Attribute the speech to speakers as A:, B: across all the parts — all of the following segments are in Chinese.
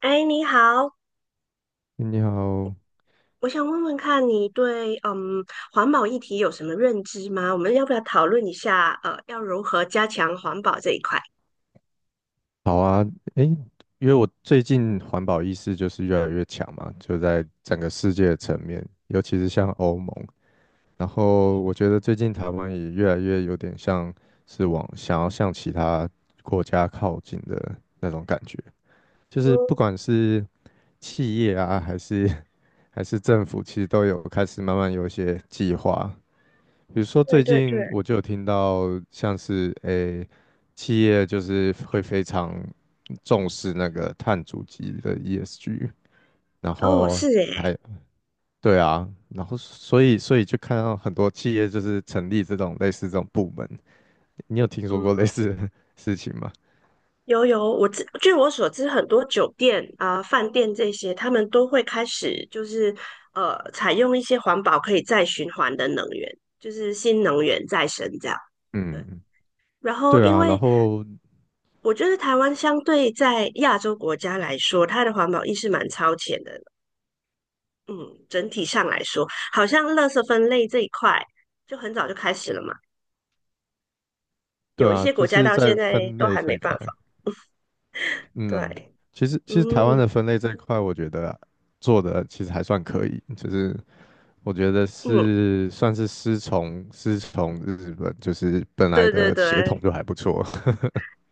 A: 哎，你好，
B: 你好。
A: 我想问问看你对环保议题有什么认知吗？我们要不要讨论一下要如何加强环保这一块？
B: 好啊。诶，因为我最近环保意识就是越来越强嘛，就在整个世界的层面，尤其是像欧盟。然后我觉得最近台湾也越来越有点像是往想要向其他国家靠近的那种感觉，就是不
A: 嗯，
B: 管是企业啊，还是 还是政府，其实都有开始慢慢有一些计划。比如说
A: 对
B: 最
A: 对对，
B: 近我就有听到，像是企业就是会非常重视那个碳足迹的 ESG。然
A: 哦，
B: 后
A: 是诶，
B: 还对啊。然后所以就看到很多企业就是成立这种类似这种部门。你有听说过类
A: 嗯，
B: 似的 事情吗？
A: 有，据我所知，很多酒店啊、饭店这些，他们都会开始采用一些环保可以再循环的能源，就是新能源再生这样。对。
B: 嗯。
A: 然后
B: 对
A: 因
B: 啊。然
A: 为
B: 后
A: 我觉得台湾相对在亚洲国家来说，它的环保意识蛮超前的。嗯，整体上来说，好像垃圾分类这一块就很早就开始了嘛。
B: 对
A: 有一
B: 啊，
A: 些国
B: 就
A: 家
B: 是
A: 到现
B: 在
A: 在
B: 分
A: 都
B: 类
A: 还
B: 这
A: 没
B: 一
A: 办
B: 块。
A: 法。
B: 嗯。
A: 对，
B: 其实台湾
A: 嗯
B: 的分类这一块，我觉得做的其实还算可以。就是我觉得
A: 嗯，
B: 是算是师从日本，就是本来
A: 对对
B: 的血统
A: 对。
B: 就还不错。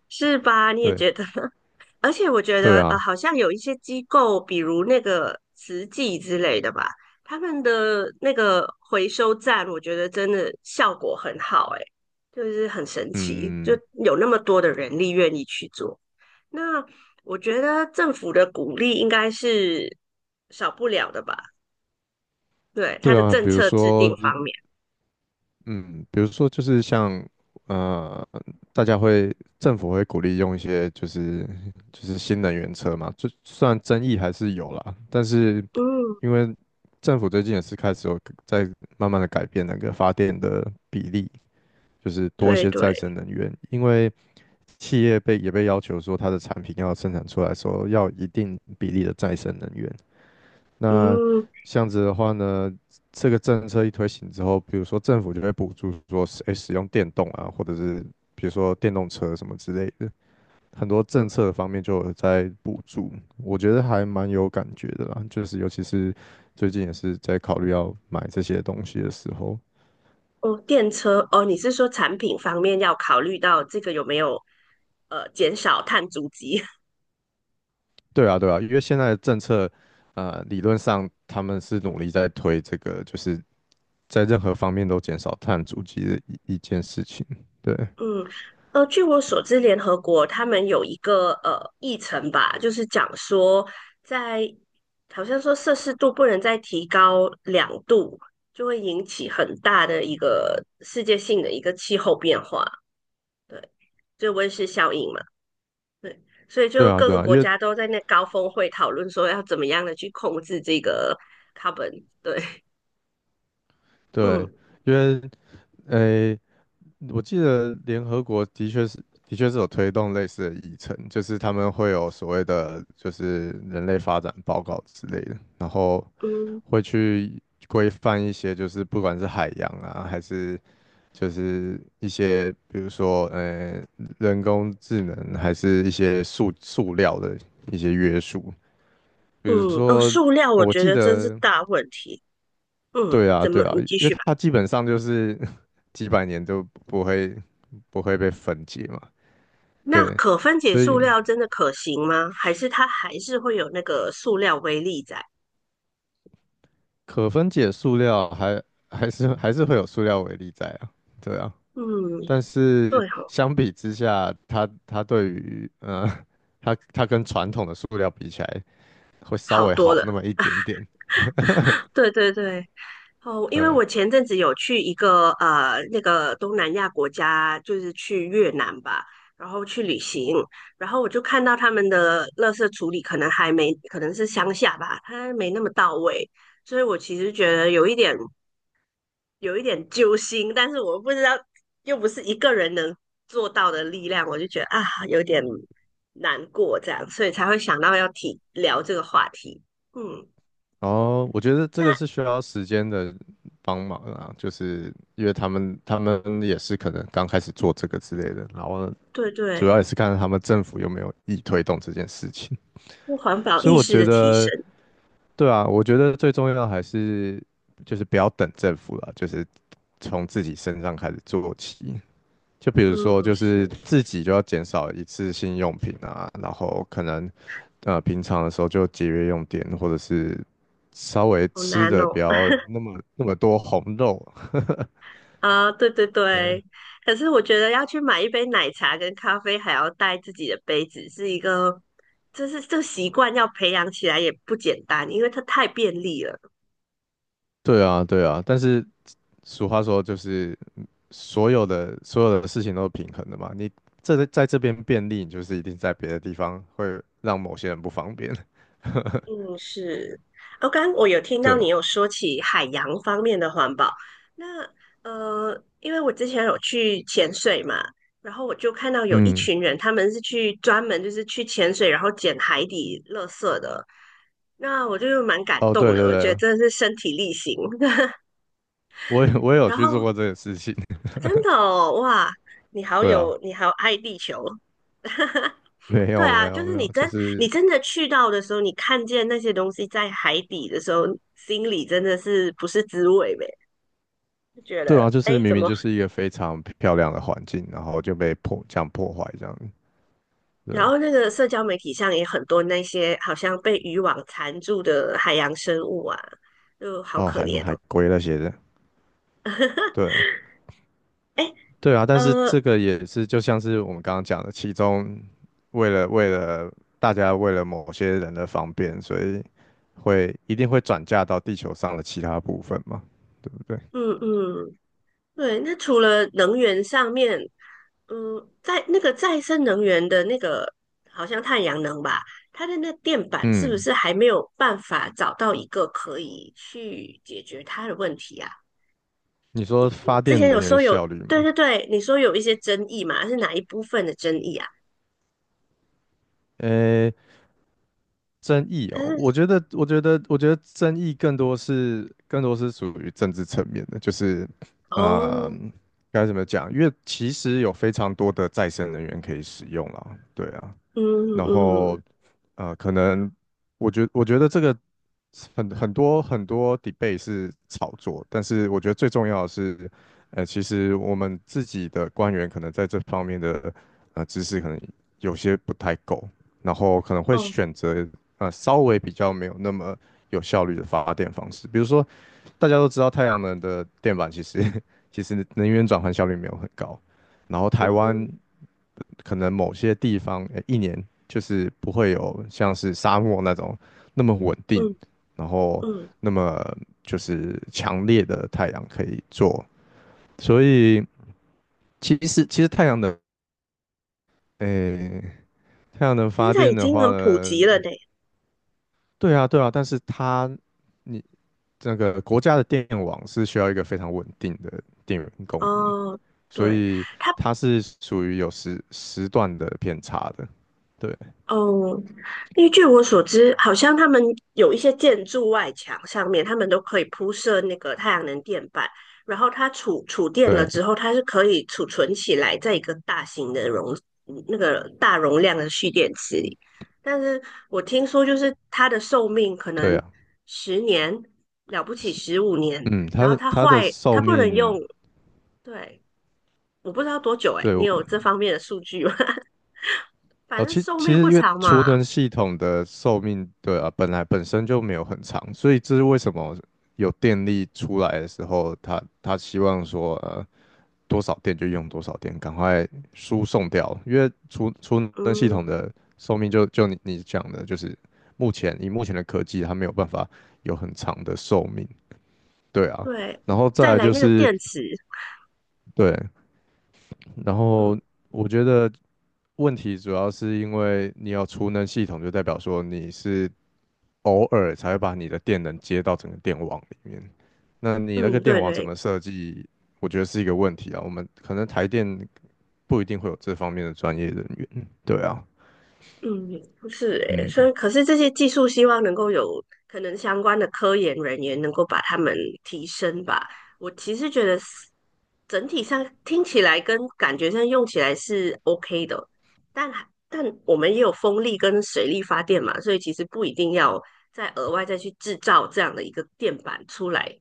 A: 是吧？你也
B: 对
A: 觉得？而且我觉
B: 对
A: 得，
B: 啊。
A: 好像有一些机构，比如那个慈济之类的吧，他们的那个回收站，我觉得真的效果很好、欸，诶，就是很神奇，就
B: 嗯，
A: 有那么多的人力愿意去做。那我觉得政府的鼓励应该是少不了的吧？对，对
B: 对
A: 对，
B: 啊。
A: 政
B: 比如
A: 策制定
B: 说，
A: 方面，
B: 嗯，比如说就是像呃，大家会政府会鼓励用一些就是新能源车嘛，就虽然争议还是有啦。但是
A: 嗯，
B: 因为政府最近也是开始有在慢慢的改变那个发电的比例，就是多一些再
A: 嗯。
B: 生能源，因为。企业也被要求说，它的产品要生产出来的时候要一定比例的再生能源。那
A: 嗯
B: 这样子的话呢，这个政策一推行之后，比如说政府就会补助说，使用电动啊，或者是比如说电动车什么之类的，很多政策方面就有在补助。我觉得还蛮有感觉的啦，就是尤其是最近也是在考虑要买这些东西的时候。
A: 哦，电车哦，你是说产品方面要考虑到这个有没有减少碳足迹？
B: 对啊，对啊，因为现在的政策。理论上他们是努力在推这个，就是在任何方面都减少碳足迹的一件事情。对。
A: 嗯，据我所知，联合国他们有一个议程吧，就是讲说在好像说摄氏度不能再提高两度，就会引起很大的一个世界性的一个气候变化，对，就温室效应嘛，对，所以
B: 对
A: 就
B: 啊，
A: 各
B: 对
A: 个
B: 啊。因
A: 国
B: 为
A: 家都在那高峰会讨论说要怎么样的去控制这个 carbon，对。
B: 对，
A: 嗯
B: 因为诶，我记得联合国的确是有推动类似的议程，就是他们会有所谓的就是人类发展报告之类的。然后
A: 嗯
B: 会去规范一些就是不管是海洋啊，还是就是一些比如说人工智能，还是一些塑料的一些约束。比如
A: 嗯，哦，
B: 说，
A: 塑料我
B: 我
A: 觉
B: 记
A: 得真是
B: 得。
A: 大问题。嗯，
B: 对啊，
A: 怎
B: 对
A: 么？
B: 啊，
A: 你
B: 因
A: 继
B: 为
A: 续吧。
B: 它基本上就是 几百年都不会被分解嘛。
A: 那
B: 对，
A: 可分解
B: 所
A: 塑
B: 以
A: 料真的可行吗？还是它还是会有那个塑料微粒在？
B: 可分解塑料还是会有塑料微粒在啊。对啊。
A: 嗯，
B: 但是
A: 对哦，
B: 相比之下，它对于它跟传统的塑料比起来，会稍
A: 好
B: 微
A: 多
B: 好那
A: 了。
B: 么一点点。
A: 对对对。哦，因为
B: 对。
A: 我前阵子有去一个那个东南亚国家，就是去越南吧，然后去旅行，然后我就看到他们的垃圾处理可能还没，可能是乡下吧，它没那么到位，所以我其实觉得有一点揪心，但是我不知道又不是一个人能做到的力量，我就觉得啊有点难过这样，所以才会想到要提聊这个话题。嗯，
B: 哦，我觉得这个
A: 那
B: 是需要时间的帮忙啊，就是因为他们也是可能刚开始做这个之类的。然后
A: 对
B: 主要也
A: 对，
B: 是看他们政府有没有意推动这件事情。
A: 就环 保
B: 所以
A: 意
B: 我
A: 识
B: 觉
A: 的提
B: 得，
A: 升。
B: 对啊，我觉得最重要的还是就是不要等政府了，就是从自己身上开始做起。就比如说，
A: 嗯，
B: 就是
A: 是，
B: 自己就要减少一次性用品啊，然后可能平常的时候就节约用电，或者是稍微
A: 好
B: 吃
A: 难
B: 的
A: 哦。
B: 不要那么那么多红肉。
A: 啊，对对
B: 对
A: 对，可是我觉得要去买一杯奶茶跟咖啡，还要带自己的杯子，是一个，就是这个习惯要培养起来也不简单，因为它太便利了。
B: 对啊。对啊。但是俗话说，就是所有的事情都是平衡的嘛。你这在这边便利，你就是一定在别的地方会让某些人不方便。
A: 嗯，是。哦，刚刚我有听
B: 对
A: 到你
B: 啊。
A: 有说起海洋方面的环保，那因为我之前有去潜水嘛，然后我就看到有一
B: 嗯。
A: 群人，他们是去专门就是去潜水，然后捡海底垃圾的，那我就蛮感
B: 哦，
A: 动
B: 对对
A: 的，我觉得
B: 对，
A: 真的是身体力行。
B: 我也有
A: 然
B: 去做
A: 后
B: 过这个事情。
A: 真的哦，哇，
B: 对啊。
A: 你好爱地球。
B: 没
A: 对
B: 有没
A: 啊，
B: 有没有，就
A: 你
B: 是
A: 真的去到的时候，你看见那些东西在海底的时候，心里真的是不是滋味呗？就觉
B: 对啊，
A: 得
B: 就
A: 哎，
B: 是
A: 诶
B: 明
A: 怎
B: 明
A: 么？
B: 就是一个非常漂亮的环境，然后就被破这样破坏这样。
A: 然
B: 对，
A: 后那个社交媒体上也很多那些好像被渔网缠住的海洋生物啊，就好
B: 然后
A: 可
B: 还什么
A: 怜
B: 海
A: 哦。
B: 龟那些的。对
A: 哎，
B: 对啊。但是
A: 呃，
B: 这个也是就像是我们刚刚讲的，其中为了大家为了某些人的方便，所以会一定会转嫁到地球上的其他部分嘛，对不对？
A: 嗯嗯，对。那除了能源上面，嗯，在那个再生能源的那个，好像太阳能吧，它的那电板是不
B: 嗯。
A: 是还没有办法找到一个可以去解决它的问题啊？
B: 你说
A: 你
B: 发
A: 之
B: 电
A: 前有
B: 能源
A: 说有，
B: 效率
A: 对
B: 吗？
A: 对对，你说有一些争议嘛，是哪一部分的争议啊？
B: 呃，争议
A: 但
B: 哦，
A: 是
B: 我觉得争议更多是属于政治层面的，就是，啊，
A: 哦，
B: 该怎么讲？因为其实有非常多的再生人源可以使用啦。对啊。
A: 嗯
B: 然
A: 嗯
B: 后可能我觉得这个很多 debate 是炒作，但是我觉得最重要的是，其实我们自己的官员可能在这方面的知识可能有些不太够。然后可能会
A: 哦
B: 选择稍微比较没有那么有效率的发电方式。比如说大家都知道太阳能的电板其实 其实能源转换效率没有很高。然后台湾
A: 嗯
B: 可能某些地方一年就是不会有像是沙漠那种那么稳定。
A: 嗯
B: 然后
A: 嗯，
B: 那么就是强烈的太阳可以做。所以其实太阳能，诶，太阳能
A: 现
B: 发
A: 在
B: 电
A: 已
B: 的
A: 经
B: 话
A: 很普
B: 呢。
A: 及了呢。
B: 对啊对啊。但是它你那个国家的电网是需要一个非常稳定的电源供应。
A: 哦，
B: 所
A: 对，
B: 以它是属于有时段的偏差的。对
A: 哦，因为据我所知，好像他们有一些建筑外墙上面，他们都可以铺设那个太阳能电板，然后它储电了
B: 对
A: 之后，它是可以储存起来，在一个大型的容嗯那个大容量的蓄电池里。但是我听说，就是它的寿命可
B: 对
A: 能
B: 啊。
A: 10年，了不起15年，
B: 嗯。它
A: 然后
B: 的它的
A: 它
B: 寿
A: 不能
B: 命。
A: 用。对，我不知道多久诶，
B: 对。
A: 你有这方面的数据吗？反
B: 哦，
A: 正
B: 其
A: 寿
B: 其
A: 命
B: 实
A: 不
B: 因为
A: 长嘛。
B: 储能系统的寿命，对啊，本来本身就没有很长。所以这是为什么有电力出来的时候，它希望说，多少电就用多少电，赶快输送掉，因为储能系统
A: 嗯，
B: 的寿命就你讲的，就是目前以目前的科技，它没有办法有很长的寿命。对啊。
A: 对，
B: 然后再
A: 再
B: 来
A: 来
B: 就
A: 那个
B: 是，
A: 电池，
B: 对，然后
A: 嗯
B: 我觉得。问题主要是因为你要储能系统，就代表说你是偶尔才会把你的电能接到整个电网里面。那你那个
A: 嗯，
B: 电
A: 对
B: 网怎
A: 对，
B: 么设计，我觉得是一个问题啊。我们可能台电不一定会有这方面的专业人员。对啊。
A: 嗯，不是诶，所
B: 嗯。
A: 以可是这些技术希望能够有可能相关的科研人员能够把他们提升吧。我其实觉得是整体上听起来跟感觉上用起来是 OK 的，但我们也有风力跟水力发电嘛，所以其实不一定要再额外去制造这样的一个电板出来。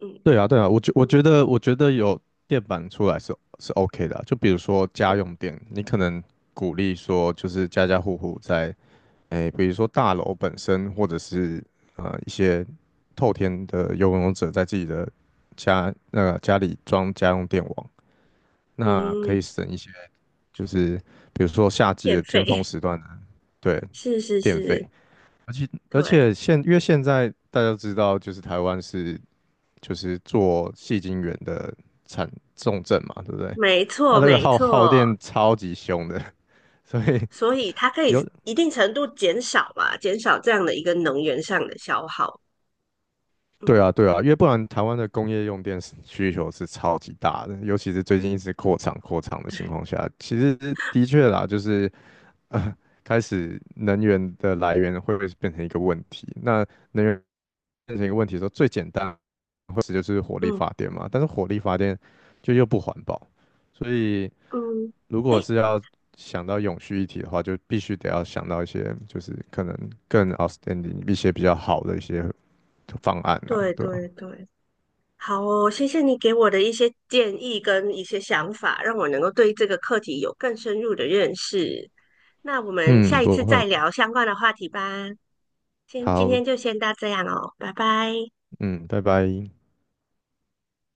A: 嗯
B: 对啊，对啊，我觉得有电板出来是 OK 的啊就比如说家用电。你可能鼓励说就是家家户户在比如说大楼本身，或者是一些透天的游泳者在自己的那个家里装家用电网。那
A: 嗯，
B: 可以
A: 嗯
B: 省一些，就是比如说夏季
A: 电
B: 的尖峰
A: 费
B: 时段的，对，
A: 是是
B: 电费。
A: 是，
B: 而且
A: 对。
B: 因为现在大家都知道，就是台湾是就是做细晶圆的产重镇嘛，对不对？
A: 没
B: 它
A: 错，
B: 那个
A: 没
B: 耗
A: 错，
B: 电超级凶的。所以
A: 所以它可以
B: 有
A: 一定程度减少吧，减少这样的一个能源上的消耗。
B: 对
A: 嗯
B: 啊。对啊。因为不然台湾的工业用电是需求是超级大的，尤其是最近一直扩厂扩厂的情况下，其实的确啦，就是呃，开始能源的来源会不会变成一个问题？那能源变成一个问题的时候，最简单或者就是火力
A: 嗯
B: 发电嘛，但是火力发电就又不环保。所以
A: 嗯，
B: 如果
A: 哎，
B: 是要想到永续一体的话，就必须得要想到一些就是可能更 outstanding 一些比较好的一些方案啊，
A: 对
B: 对吧、
A: 对对，好哦，谢谢你给我的一些建议跟一些想法，让我能够对这个课题有更深入的认识。那我们
B: 嗯，
A: 下一
B: 不
A: 次再
B: 会。
A: 聊相关的话题吧。先今
B: 好。
A: 天就先到这样哦，拜拜。
B: 嗯，拜拜。